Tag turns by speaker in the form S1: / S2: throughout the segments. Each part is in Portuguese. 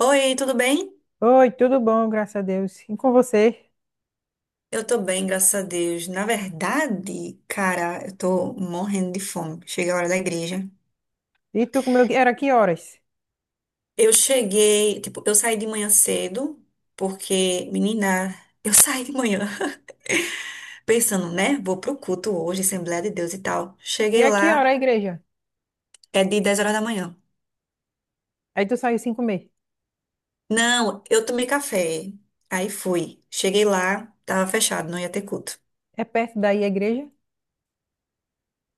S1: Oi, tudo bem?
S2: Oi, tudo bom, graças a Deus. E com você?
S1: Eu tô bem, graças a Deus. Na verdade, cara, eu tô morrendo de fome. Chega a hora da igreja.
S2: E tu comeu? Era que horas?
S1: Tipo, eu saí de manhã cedo, porque, menina, eu saí de manhã pensando, né? Vou pro culto hoje, Assembleia de Deus e tal.
S2: E
S1: Cheguei
S2: é que
S1: lá.
S2: hora a igreja?
S1: É de 10 horas da manhã.
S2: Aí tu saiu sem comer.
S1: Não, eu tomei café. Aí fui. Cheguei lá, tava fechado, não ia ter culto.
S2: É perto daí a igreja?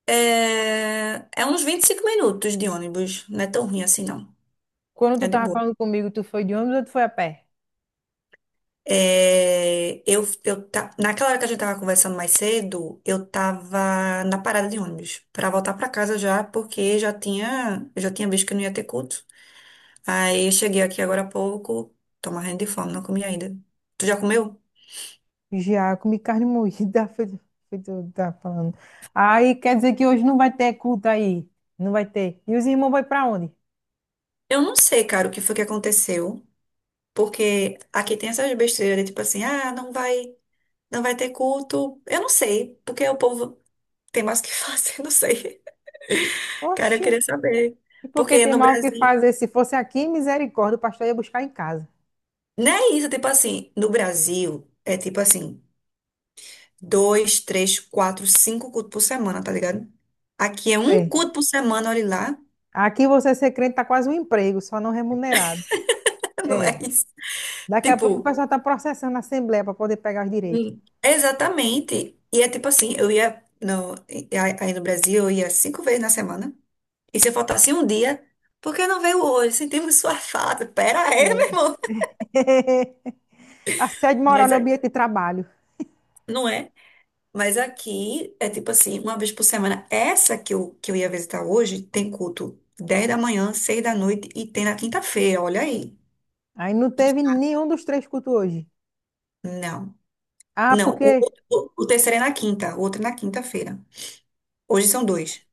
S1: É uns 25 minutos de ônibus, não é tão ruim assim, não.
S2: Quando tu
S1: É de
S2: tava
S1: boa.
S2: falando comigo, tu foi de ônibus ou tu foi a pé?
S1: Naquela hora que a gente tava conversando mais cedo, eu tava na parada de ônibus pra voltar pra casa já, porque eu já tinha visto que eu não ia ter culto. Aí eu cheguei aqui agora há pouco, tô morrendo de fome, não comi ainda. Tu já comeu?
S2: Já, eu comi carne moída, foi, foi tu tá falando. Aí quer dizer que hoje não vai ter culto aí. Não vai ter. E os irmãos vão pra onde?
S1: Eu não sei, cara, o que foi que aconteceu, porque aqui tem essas besteiras, tipo assim, ah, não vai ter culto. Eu não sei, porque o povo tem mais o que fazer, não sei. Cara, eu
S2: Oxi,
S1: queria saber.
S2: e por que
S1: Porque
S2: tem
S1: no
S2: mal o que
S1: Brasil
S2: fazer? Se fosse aqui, misericórdia, o pastor ia buscar em casa.
S1: Não é isso, tipo assim, no Brasil, é tipo assim, dois, três, quatro, cinco cultos por semana, tá ligado? Aqui é um
S2: É.
S1: culto por semana, olha lá.
S2: Aqui você ser crente tá quase um emprego, só não remunerado.
S1: Não é
S2: É.
S1: isso.
S2: Daqui a pouco o
S1: Tipo.
S2: pessoal está processando a Assembleia para poder pegar os direitos.
S1: Exatamente. E é tipo assim, eu ia no, e- aí no Brasil, eu ia 5 vezes na semana. E se eu faltasse um dia, por que não veio hoje? Sentimos sua falta. Pera aí,
S2: É.
S1: meu irmão.
S2: Assédio moral
S1: Mas
S2: no
S1: é-
S2: ambiente de trabalho.
S1: não é. Mas aqui é tipo assim, uma vez por semana. Essa que eu ia visitar hoje tem culto 10 da manhã, 6 da noite e tem na quinta-feira, olha aí.
S2: Aí não teve nenhum dos três cultos hoje.
S1: Não.
S2: Ah,
S1: Não, o,
S2: porque
S1: o, o terceiro é na quinta, o outro é na quinta-feira. Hoje são dois.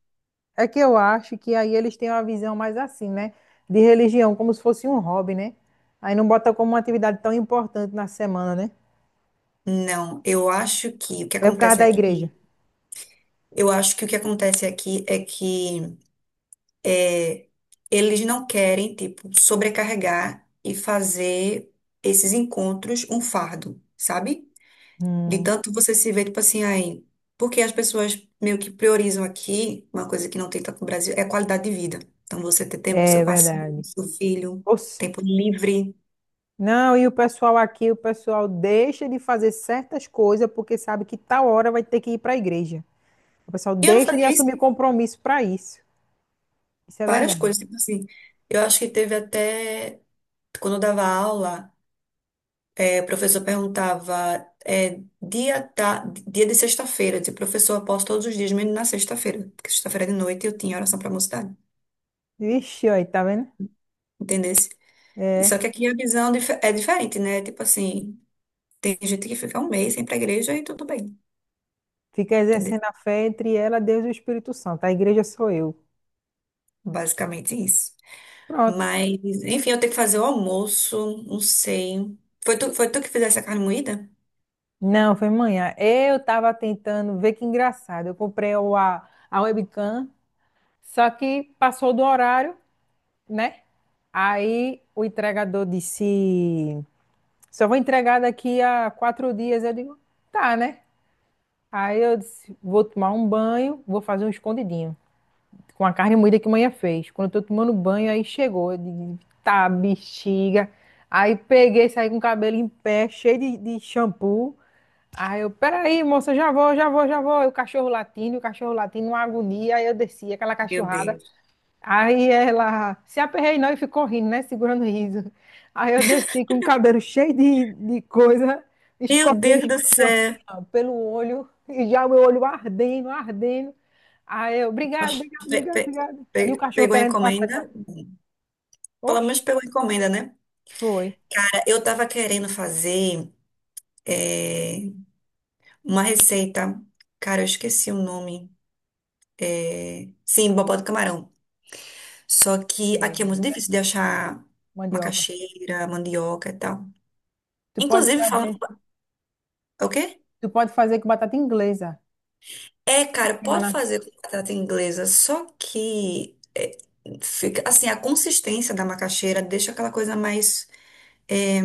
S2: é que eu acho que aí eles têm uma visão mais assim, né? De religião, como se fosse um hobby, né? Aí não bota como uma atividade tão importante na semana, né?
S1: Não, eu acho que o que
S2: É por causa
S1: acontece
S2: da igreja.
S1: aqui, eu acho que o que acontece aqui é que eles não querem, tipo, sobrecarregar e fazer esses encontros um fardo, sabe? De
S2: Hum,
S1: tanto você se vê, tipo assim, aí. Porque as pessoas meio que priorizam aqui, uma coisa que não tem tanto no Brasil, é a qualidade de vida. Então, você ter tempo com
S2: é
S1: seu parceiro, com
S2: verdade.
S1: seu filho,
S2: Ou se-
S1: tempo livre.
S2: Não, e o pessoal aqui, o pessoal deixa de fazer certas coisas porque sabe que tal hora vai ter que ir para a igreja. O pessoal
S1: E eu não
S2: deixa de
S1: fazia isso,
S2: assumir compromisso para isso. Isso é
S1: várias
S2: verdade.
S1: coisas, tipo assim. Eu acho que teve até. Quando eu dava aula, o professor perguntava, dia de sexta-feira. Eu dizia, professor, eu posso todos os dias, menos na sexta-feira. Porque sexta-feira de noite eu tinha oração pra mocidade.
S2: Vixe, aí, tá vendo?
S1: Entendesse? E só
S2: É,
S1: que aqui a visão é diferente, né? Tipo assim. Tem gente que fica um mês sem ir pra igreja e tudo bem,
S2: fica
S1: entendeu?
S2: exercendo a fé entre ela, Deus e o Espírito Santo. A igreja sou eu.
S1: Basicamente isso.
S2: Pronto.
S1: Mas, enfim, eu tenho que fazer o almoço, não sei. Foi tu que fizesse a carne moída?
S2: Não, foi manhã. Eu estava tentando ver que engraçado. Eu comprei a webcam, só que passou do horário, né? Aí o entregador disse: só vou entregar daqui a quatro dias. Eu digo: tá, né? Aí eu disse: vou tomar um banho, vou fazer um escondidinho. Com a carne moída que a manhã fez. Quando eu tô tomando banho, aí chegou. Eu digo, tá, bexiga. Aí peguei, saí com o cabelo em pé, cheio de shampoo. Aí eu, peraí, moça, já vou, já vou, já vou. E o cachorro latindo, uma agonia. Aí eu desci, aquela
S1: Meu
S2: cachorrada.
S1: Deus.
S2: Aí ela se aperreinou e ficou rindo, né? Segurando o riso. Aí eu desci com o cabelo cheio de coisa,
S1: Meu
S2: escorrendo
S1: Deus do
S2: shampoo assim,
S1: céu.
S2: ó, pelo olho, e já o meu olho ardendo, ardendo. Aí eu, obrigado, obrigado,
S1: Pe-
S2: obrigado,
S1: pe-
S2: obrigado. E o
S1: pe-
S2: cachorro
S1: pegou a
S2: querendo passar. Ele
S1: encomenda? Pelo
S2: Oxe,
S1: menos pegou a encomenda, né?
S2: foi.
S1: É, eu tava querendo fazer é, uma receita. Cara, eu esqueci o nome. É, sim, bobó do camarão. Só que aqui é
S2: É,
S1: muito difícil de achar
S2: mandioca.
S1: macaxeira, mandioca e tal.
S2: Tu pode
S1: Inclusive, falam.
S2: fazer,
S1: É, o quê?
S2: tu pode fazer com batata inglesa.
S1: É, cara, pode
S2: Fica
S1: fazer com batata inglesa, só que fica assim, a consistência da macaxeira deixa aquela coisa mais é,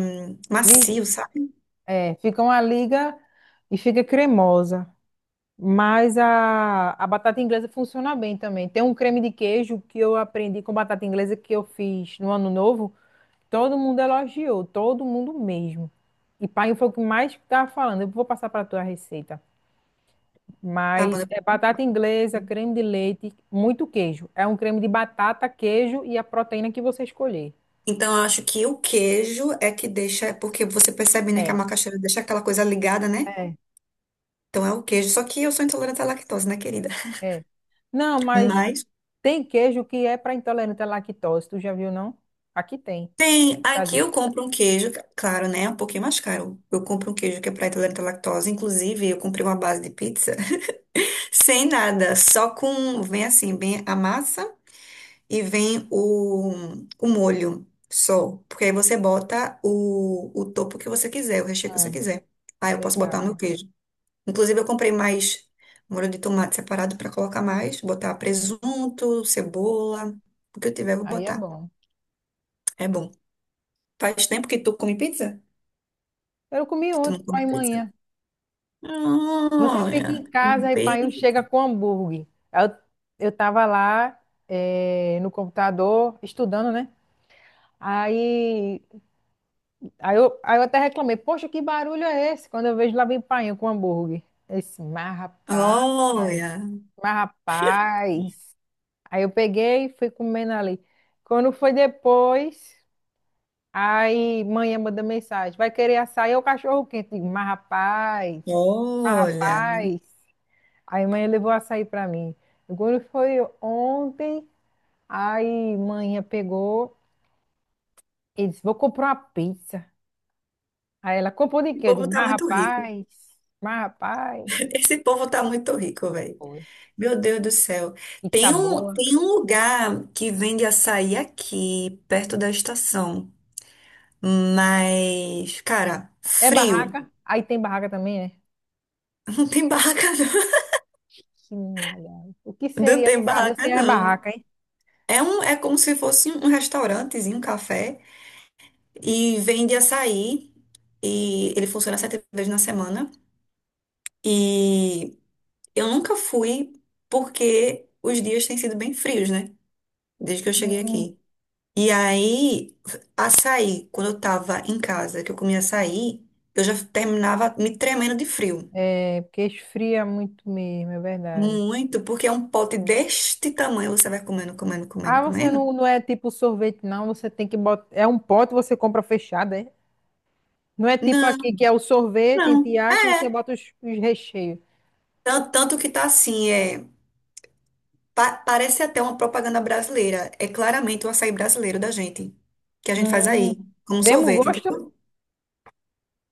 S2: li-
S1: macio, sabe?
S2: é, fica uma liga e fica cremosa. Mas a batata inglesa funciona bem também. Tem um creme de queijo que eu aprendi com batata inglesa que eu fiz no ano novo. Todo mundo elogiou, todo mundo mesmo. E pai foi o que mais estava falando. Eu vou passar para tua receita.
S1: Tá bom,
S2: Mas
S1: né?
S2: é batata inglesa, creme de leite, muito queijo. É um creme de batata, queijo e a proteína que você escolher.
S1: Então, eu acho que o queijo é que deixa, porque você percebe, né, que a
S2: É,
S1: macaxeira deixa aquela coisa ligada, né?
S2: é,
S1: Então é o queijo, só que eu sou intolerante à lactose, né, querida?
S2: é. Não, mas
S1: Mas
S2: tem queijo que é para intolerante à lactose. Tu já viu, não? Aqui tem,
S1: tem,
S2: no
S1: aqui
S2: Brasil.
S1: eu compro um queijo, claro, né, um pouquinho mais caro. Eu compro um queijo que é para intolerante à lactose, inclusive eu comprei uma base de pizza sem nada, só com, vem assim, vem a massa e vem o molho só. Porque aí você bota o topo que você quiser, o recheio que você
S2: Hum,
S1: quiser. Aí eu posso botar o meu
S2: legal.
S1: queijo. Inclusive eu comprei mais molho de tomate separado para colocar mais, botar presunto, cebola, o que eu tiver eu vou
S2: Aí é
S1: botar.
S2: bom.
S1: É bom. Faz tempo que tu come pizza?
S2: Eu comi
S1: Que tu não
S2: ontem, pai
S1: come
S2: e
S1: pizza?
S2: manhã. Você fica
S1: Olha,
S2: em
S1: come
S2: casa e pai chega
S1: pizza.
S2: com hambúrguer. Eu, eu tava lá no computador estudando, né? Aí, aí eu até reclamei, poxa, que barulho é esse? Quando eu vejo lá vem painho com hambúrguer. Eu disse, mas rapaz,
S1: Olha,
S2: mas rapaz. Aí eu peguei e fui comendo ali. Quando foi depois. Aí, manhã manda mensagem, vai querer açaí ou cachorro quente? Digo, mas rapaz, mas
S1: olha.
S2: rapaz. Aí, manhã levou açaí para mim. Agora foi ontem, aí, manhã pegou e disse, vou comprar uma pizza. Aí ela, comprou de
S1: O
S2: quê? Eu
S1: povo
S2: digo,
S1: tá
S2: mas
S1: muito rico.
S2: rapaz, mas rapaz.
S1: Esse povo tá muito rico, velho.
S2: Foi.
S1: Meu Deus do céu.
S2: Pizza
S1: Tem um,
S2: boa.
S1: tem um lugar que vende açaí aqui, perto da estação. Mas, cara,
S2: É
S1: frio.
S2: barraca? Aí tem barraca também, é?
S1: Não tem barraca, não.
S2: Que nada. O que
S1: Não
S2: seria o
S1: tem
S2: Brasil
S1: barraca,
S2: sem as
S1: não.
S2: barracas, hein?
S1: É como se fosse um restaurantezinho, um café. E vende açaí. E ele funciona 7 vezes na semana. E eu nunca fui porque os dias têm sido bem frios, né? Desde que eu cheguei aqui. E aí, açaí, quando eu tava em casa, que eu comia açaí, eu já terminava me tremendo de frio.
S2: É, porque esfria muito mesmo, é verdade.
S1: Muito, porque é um pote deste tamanho, você vai comendo, comendo,
S2: Ah,
S1: comendo,
S2: você
S1: comendo.
S2: não, não é tipo sorvete, não. Você tem que botar. É um pote, você compra fechado, é? Não é tipo
S1: Não,
S2: aqui que é o sorvete,
S1: não.
S2: entre aspas, você
S1: É.
S2: bota os recheios.
S1: Tanto, tanto que tá assim, parece até uma propaganda brasileira. É claramente o açaí brasileiro da gente, que a gente faz
S2: Hum.
S1: aí, como
S2: Mesmo
S1: sorvete,
S2: gosto?
S1: entendeu?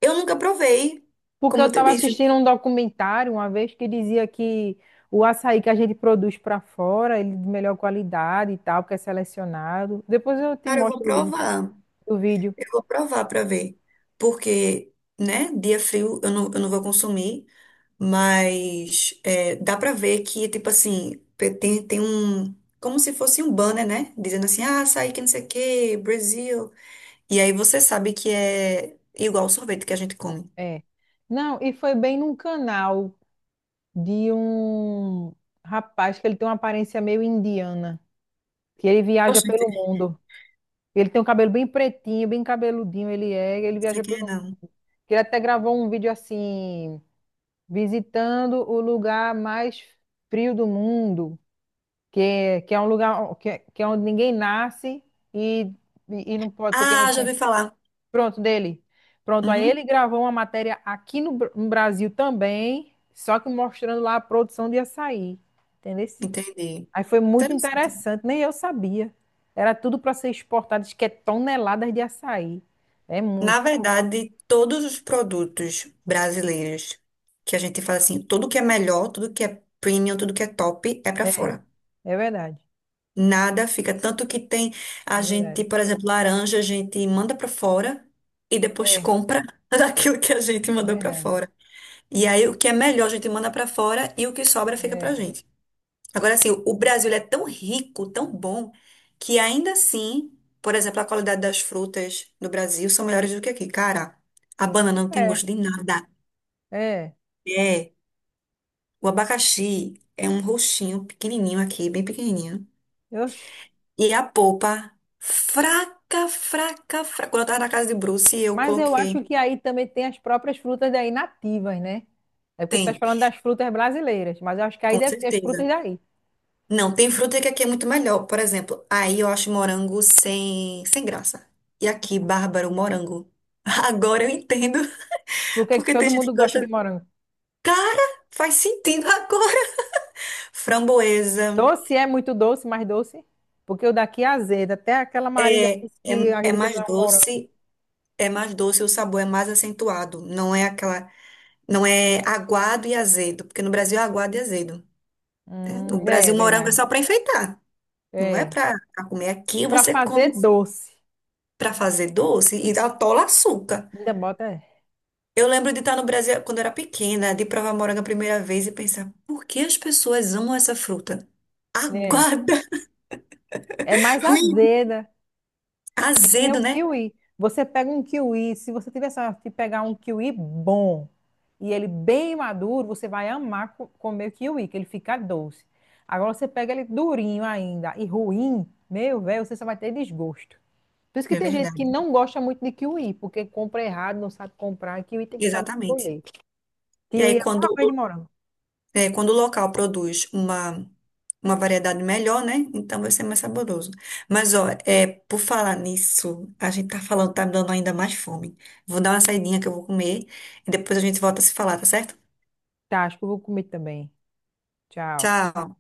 S1: Eu nunca provei,
S2: Porque eu
S1: como eu te
S2: estava
S1: disse.
S2: assistindo um documentário uma vez que dizia que o açaí que a gente produz para fora, ele é de melhor qualidade e tal, porque é selecionado. Depois eu te
S1: Cara, eu vou
S2: mostro o link
S1: provar.
S2: do vídeo.
S1: Eu vou provar para ver. Porque, né, dia frio eu não vou consumir, mas dá para ver que, tipo assim, tem um. Como se fosse um banner, né? Dizendo assim, ah, açaí que não sei o quê, Brasil. E aí você sabe que é igual o sorvete que a gente come.
S2: É. Não, e foi bem num canal de um rapaz que ele tem uma aparência meio indiana. Que ele viaja
S1: Oxente.
S2: pelo mundo. Ele tem um cabelo bem pretinho, bem cabeludinho ele é, ele
S1: Você
S2: viaja pelo
S1: quer, não?
S2: mundo. Que Ele até gravou um vídeo assim, visitando o lugar mais frio do mundo, que é um lugar que é onde ninguém nasce e, e não pode, porque
S1: Ah,
S2: não
S1: já ouvi
S2: tem.
S1: falar.
S2: Pronto, dele. Pronto, aí ele
S1: Uhum,
S2: gravou uma matéria aqui no, no Brasil também, só que mostrando lá a produção de açaí. Entendeu?
S1: entendi.
S2: Aí foi muito
S1: Interessante.
S2: interessante, nem eu sabia. Era tudo para ser exportado, diz que é toneladas de açaí. É
S1: Na
S2: muito.
S1: verdade, todos os produtos brasileiros que a gente fala assim, tudo que é melhor, tudo que é premium, tudo que é top é para
S2: É,
S1: fora.
S2: é verdade.
S1: Nada fica. Tanto que tem a
S2: É
S1: gente,
S2: verdade.
S1: por exemplo, laranja, a gente manda para fora e depois
S2: É, é
S1: compra daquilo que a gente mandou para
S2: verdade.
S1: fora. E aí o que é melhor a gente manda para fora e o que sobra fica pra
S2: É,
S1: gente. Agora, assim, o Brasil ele é tão rico, tão bom, que ainda assim, por exemplo, a qualidade das frutas no Brasil são melhores do que aqui. Cara, a banana não tem
S2: é,
S1: gosto de nada.
S2: é.
S1: É, o abacaxi é um roxinho pequenininho aqui, bem pequenininho.
S2: Oxi.
S1: E a polpa, fraca, fraca, fraca. Quando eu tava na casa de Bruce, eu
S2: Mas eu
S1: coloquei.
S2: acho que aí também tem as próprias frutas daí nativas, né? É porque tu estás
S1: Tem,
S2: falando das frutas brasileiras, mas eu acho que aí
S1: com
S2: deve ter as
S1: certeza.
S2: frutas daí.
S1: Não, tem fruta que aqui é muito melhor. Por exemplo, aí eu acho morango sem graça. E aqui, bárbaro, morango. Agora eu entendo,
S2: Porque
S1: porque tem
S2: todo
S1: gente
S2: mundo
S1: que
S2: gosta de
S1: gosta.
S2: morango.
S1: Cara, faz sentido agora. Framboesa
S2: Doce é muito doce, mais doce. Porque o daqui é azedo, até aquela Marília
S1: é, é,
S2: disse que a
S1: é
S2: vida
S1: mais
S2: não é um morango.
S1: doce, é mais doce, o sabor é mais acentuado. Não é aquela. Não é aguado e azedo, porque no Brasil é aguado e azedo, né? No
S2: É
S1: Brasil, morango é
S2: verdade.
S1: só para enfeitar, não é
S2: É.
S1: para comer.
S2: E
S1: Aqui
S2: para
S1: você come
S2: fazer doce,
S1: para fazer doce e atola açúcar.
S2: ainda bota,
S1: Eu lembro de estar no Brasil quando eu era pequena, de provar morango a primeira vez e pensar, por que as pessoas amam essa fruta?
S2: né?
S1: Aguarda,
S2: É mais
S1: ruim,
S2: azeda. É que nem o
S1: azedo, né?
S2: kiwi. Você pega um kiwi, se você tiver sorte de pegar um kiwi bom e ele bem maduro, você vai amar comer o kiwi, que ele fica doce. Agora você pega ele durinho ainda e ruim, meu velho, você só vai ter desgosto. Por isso que
S1: É
S2: tem gente que
S1: verdade.
S2: não gosta muito de kiwi, porque compra errado, não sabe comprar. Kiwi tem que saber
S1: Exatamente.
S2: escolher.
S1: E aí,
S2: Kiwi é a
S1: quando,
S2: mesma coisa de
S1: o-
S2: morango.
S1: é, quando o local produz uma variedade melhor, né? Então vai ser mais saboroso. Mas, ó, por falar nisso, a gente tá falando, tá me dando ainda mais fome. Vou dar uma saidinha que eu vou comer e depois a gente volta a se falar, tá certo?
S2: Tá, acho que eu vou comer também. Tchau.
S1: Tchau.